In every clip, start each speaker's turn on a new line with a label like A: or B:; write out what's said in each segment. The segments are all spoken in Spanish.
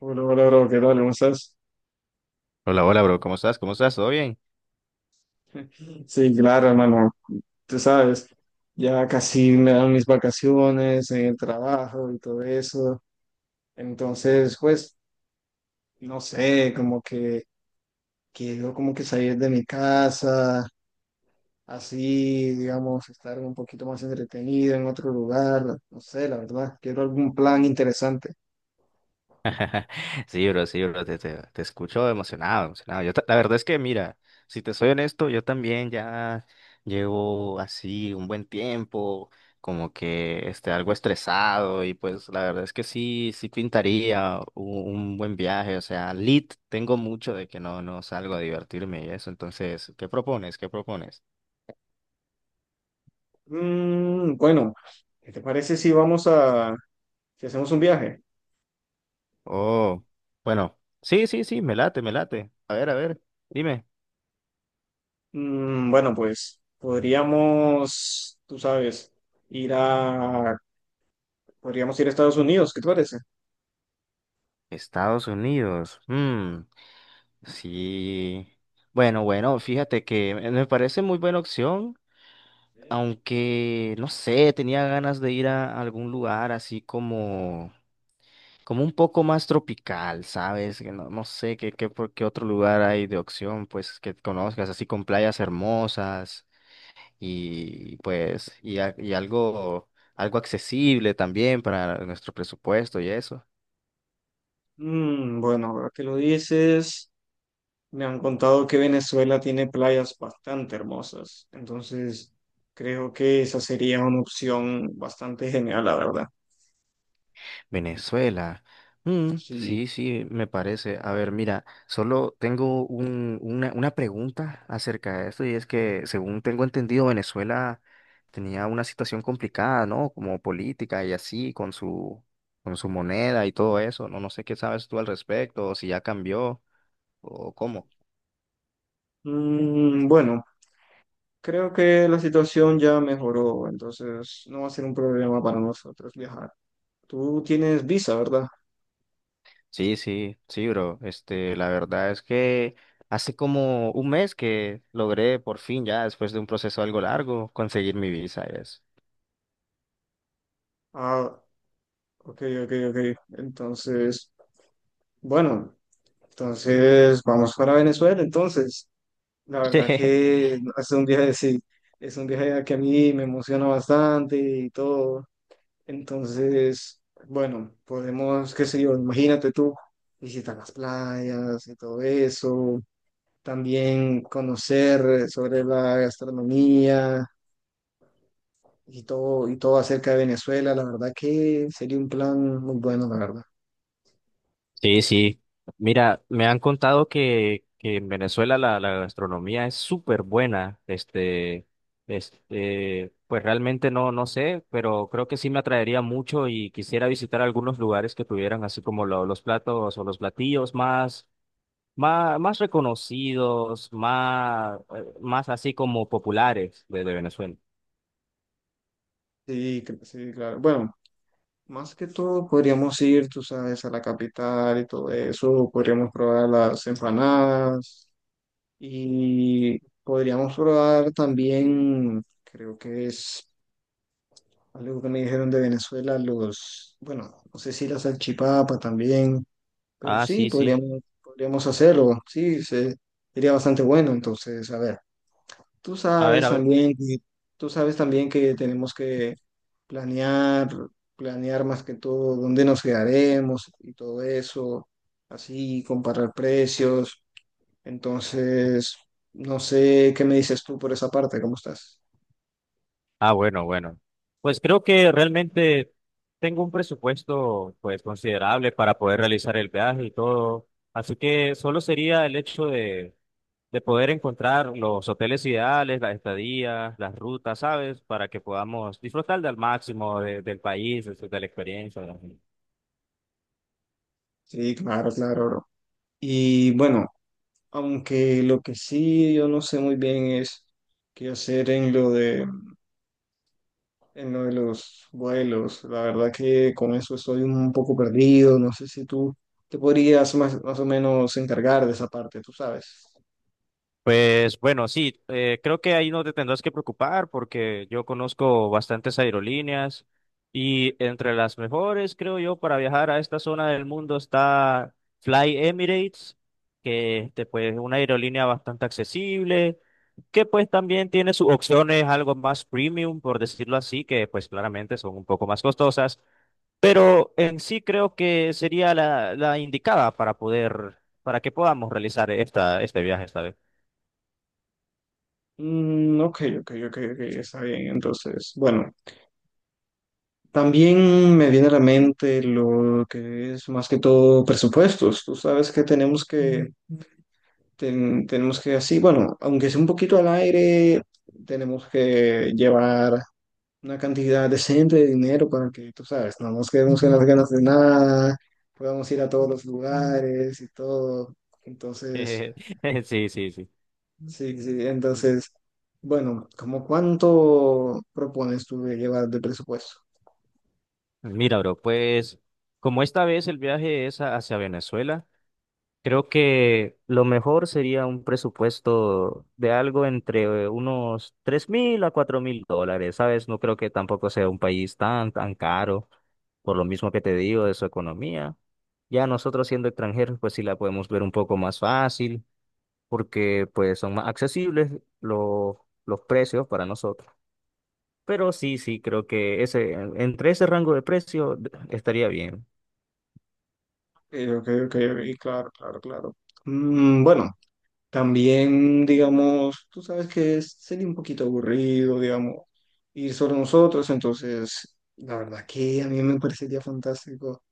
A: Hola, hola, bro, ¿qué tal? ¿Cómo estás?
B: Hola, hola, bro, ¿cómo estás? ¿Cómo estás? ¿Todo bien?
A: Sí, claro, hermano, tú sabes, ya casi me dan mis vacaciones en el trabajo y todo eso. Entonces, pues, no sé, como que quiero como que salir de mi casa, así, digamos, estar un poquito más entretenido en otro lugar, no sé, la verdad, quiero algún plan interesante.
B: Sí, bro, te escucho emocionado, emocionado. La verdad es que, mira, si te soy honesto, yo también ya llevo así un buen tiempo, como que algo estresado, y pues la verdad es que sí, sí pintaría un buen viaje, o sea, lit, tengo mucho de que no salgo a divertirme y eso, entonces, ¿qué propones? ¿Qué propones?
A: Bueno, ¿qué te parece si si hacemos un viaje?
B: Oh, bueno, sí, sí, sí, me late, me late. A ver, dime.
A: Bueno, pues podríamos, tú sabes, ir a, podríamos ir a Estados Unidos, ¿qué te parece?
B: Estados Unidos. Mm. Sí. Bueno, bueno, fíjate que me parece muy buena opción, aunque no sé, tenía ganas de ir a algún lugar así como un poco más tropical, ¿sabes? Que no sé qué, por qué otro lugar hay de opción, pues, que conozcas, así con playas hermosas y pues, y algo accesible también para nuestro presupuesto y eso.
A: Bueno, ahora que lo dices, me han contado que Venezuela tiene playas bastante hermosas, entonces creo que esa sería una opción bastante genial, la verdad.
B: Venezuela. Mm,
A: Sí.
B: sí, sí, me parece. A ver, mira, solo tengo una pregunta acerca de esto y es que, según tengo entendido, Venezuela tenía una situación complicada, ¿no? Como política y así, con su moneda y todo eso. No sé qué sabes tú al respecto, o si ya cambió o cómo.
A: Mm, bueno. Creo que la situación ya mejoró, entonces no va a ser un problema para nosotros viajar. Tú tienes visa, ¿verdad?
B: Sí, sí, sí, bro. Este, la verdad es que hace como un mes que logré por fin, ya después de un proceso algo largo, conseguir mi visa y eso.
A: Ah, ok, ok, ok. Entonces, bueno, entonces vamos para Venezuela. Entonces, la verdad que es un viaje, sí, es un viaje que a mí me emociona bastante y todo. Entonces, bueno, podemos, qué sé yo, imagínate tú, visitar las playas y todo eso, también conocer sobre la gastronomía y todo acerca de Venezuela, la verdad que sería un plan muy bueno, la verdad.
B: Sí, sí. Mira, me han contado que en Venezuela la gastronomía es súper buena. Pues realmente no sé, pero creo que sí me atraería mucho y quisiera visitar algunos lugares que tuvieran así como los platos o los platillos más reconocidos, más así como populares de Venezuela.
A: Sí, sí, claro. Bueno, más que todo podríamos ir, tú sabes, a la capital y todo eso, podríamos probar las empanadas y podríamos probar también, creo que es algo que me dijeron de Venezuela, los, bueno, no sé si la salchipapa también. Pero
B: Ah,
A: sí,
B: sí, sí.
A: podríamos hacerlo, sí, sería bastante bueno. Entonces, a ver, tú
B: A ver,
A: sabes
B: a ver.
A: también que, tú sabes también que tenemos que planear, planear más que todo dónde nos quedaremos y todo eso, así, comparar precios. Entonces, no sé qué me dices tú por esa parte, ¿cómo estás?
B: Ah, bueno, bueno. Pues creo que realmente tengo un presupuesto pues considerable para poder realizar el viaje y todo. Así que solo sería el hecho de poder encontrar los hoteles ideales, las estadías, las rutas, ¿sabes? Para que podamos disfrutar del máximo del país, de la experiencia, ¿no?
A: Sí, claro, claro, bro. Y bueno, aunque lo que sí yo no sé muy bien es qué hacer en lo de los vuelos. La verdad que con eso estoy un poco perdido. No sé si tú te podrías más o menos encargar de esa parte, tú sabes.
B: Pues bueno, sí, creo que ahí no te tendrás que preocupar porque yo conozco bastantes aerolíneas y entre las mejores, creo yo, para viajar a esta zona del mundo está Fly Emirates, que pues, es una aerolínea bastante accesible, que pues también tiene sus opciones algo más premium, por decirlo así, que pues claramente son un poco más costosas, pero en sí creo que sería la indicada para que podamos realizar este viaje esta vez.
A: Ok, ok, ok, ok, ok, está bien. Entonces, bueno, también me viene a la mente lo que es más que todo presupuestos. Tú sabes que tenemos que así, bueno, aunque sea un poquito al aire, tenemos que llevar una cantidad decente de dinero para que, tú sabes, no nos quedemos con las ganas de nada, podamos ir a todos los lugares y todo. Entonces,
B: Sí, sí, sí.
A: sí, sí, entonces, bueno, ¿cómo cuánto propones tú de llevar de presupuesto?
B: Mira, bro, pues como esta vez el viaje es hacia Venezuela, creo que lo mejor sería un presupuesto de algo entre unos $3.000 a $4.000, ¿sabes? No creo que tampoco sea un país tan, tan caro, por lo mismo que te digo de su economía. Ya nosotros siendo extranjeros, pues sí la podemos ver un poco más fácil, porque pues son más accesibles los, los precios para nosotros. Pero sí, sí, creo que ese, entre ese rango de precio estaría bien.
A: Ok, ok, y claro, claro, claro. Bueno, también, digamos, tú sabes que sería un poquito aburrido, digamos, ir solo nosotros, entonces, la verdad que a mí me parecería fantástico,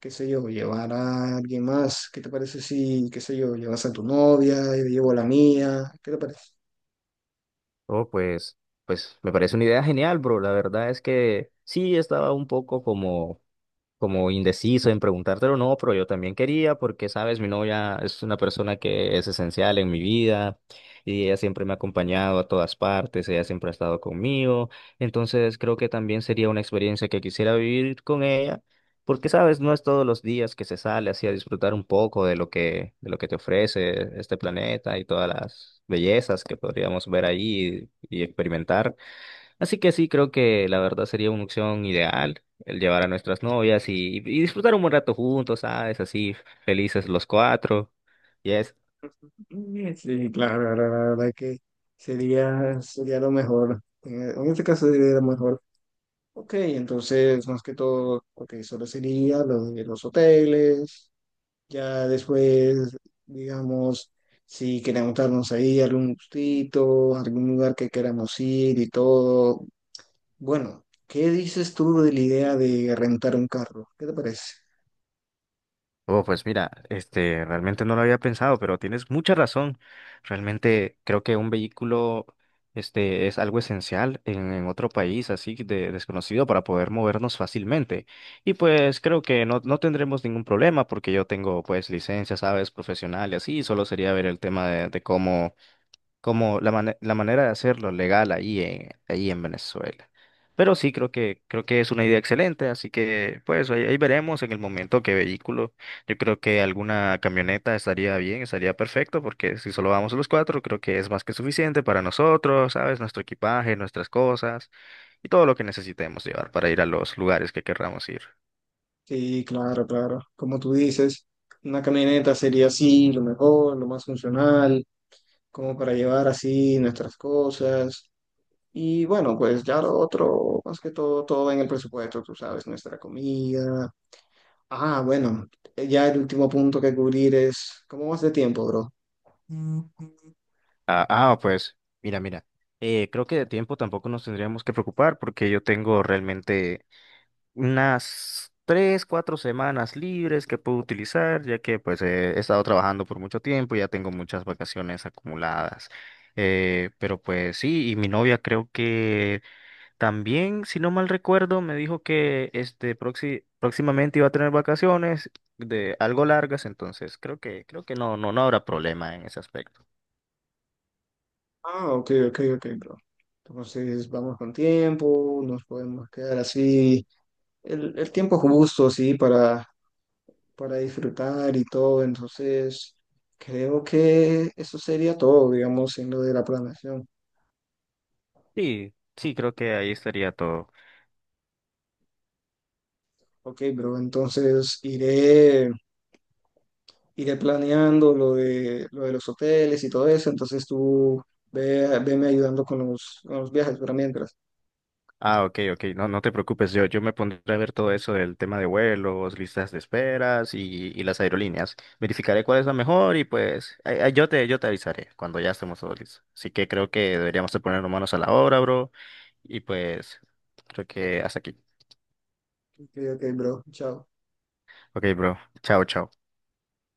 A: qué sé yo, llevar a alguien más. ¿Qué te parece si, qué sé yo, llevas a tu novia, yo llevo a la mía? ¿Qué te parece?
B: Oh, pues me parece una idea genial, bro. La verdad es que sí estaba un poco como indeciso en preguntártelo o no, pero yo también quería porque, sabes, mi novia es una persona que es esencial en mi vida y ella siempre me ha acompañado a todas partes, ella siempre ha estado conmigo, entonces creo que también sería una experiencia que quisiera vivir con ella. Porque, sabes, no es todos los días que se sale así a disfrutar un poco de lo que te ofrece este planeta y todas las bellezas que podríamos ver ahí y experimentar. Así que sí, creo que la verdad sería una opción ideal el llevar a nuestras novias y disfrutar un buen rato juntos, ¿sabes? Así felices los cuatro. Yes.
A: Sí, claro, la verdad que sería lo mejor. En este caso sería lo mejor. Ok, entonces, más que todo, ok, solo sería lo de los hoteles. Ya después, digamos, si queremos darnos ahí algún gustito, algún lugar que queramos ir y todo, bueno, ¿qué dices tú de la idea de rentar un carro? ¿Qué te parece?
B: Oh, pues mira, realmente no lo había pensado, pero tienes mucha razón. Realmente creo que un vehículo, es algo esencial en otro país así de desconocido para poder movernos fácilmente. Y pues creo que no tendremos ningún problema porque yo tengo pues licencia, sabes, profesional y así, solo sería ver el tema de cómo como la manera de hacerlo legal ahí en Venezuela. Pero sí, creo que es una idea excelente, así que pues ahí veremos en el momento qué vehículo. Yo creo que alguna camioneta estaría bien, estaría perfecto, porque si solo vamos los cuatro, creo que es más que suficiente para nosotros, ¿sabes? Nuestro equipaje, nuestras cosas y todo lo que necesitemos llevar para ir a los lugares que querramos ir.
A: Sí, claro, claro. Como tú dices, una camioneta sería así, lo mejor, lo más funcional, como para llevar así nuestras cosas. Y bueno, pues ya lo otro, más que todo, todo va en el presupuesto, tú sabes, nuestra comida. Ah, bueno, ya el último punto que cubrir es, ¿cómo vas de tiempo, bro?
B: Ah, ah, pues, mira, mira. Creo que de tiempo tampoco nos tendríamos que preocupar porque yo tengo realmente unas 3, 4 semanas libres que puedo utilizar, ya que pues he estado trabajando por mucho tiempo, ya tengo muchas vacaciones acumuladas. Pero pues sí, y mi novia creo que también, si no mal recuerdo, me dijo que próximamente iba a tener vacaciones de algo largas, entonces creo que no habrá problema en ese aspecto.
A: Ah, ok, ok, ok, bro. Entonces vamos con tiempo, nos podemos quedar así. El tiempo justo, sí, para disfrutar y todo. Entonces, creo que eso sería todo, digamos, en lo de la planeación.
B: Sí, sí, creo que ahí estaría todo.
A: Ok, bro, entonces iré planeando lo de los hoteles y todo eso. Entonces tú veme ayudando con con los viajes, pero mientras.
B: Ah, ok, ok, no, no te preocupes, yo me pondré a ver todo eso del tema de vuelos, listas de esperas y las aerolíneas. Verificaré cuál es la mejor y pues ay, ay, yo te avisaré cuando ya estemos todos listos. Así que creo que deberíamos de ponernos manos a la obra, bro. Y pues creo que hasta aquí.
A: Ok, ok, bro, chao.
B: Ok, bro, chao, chao.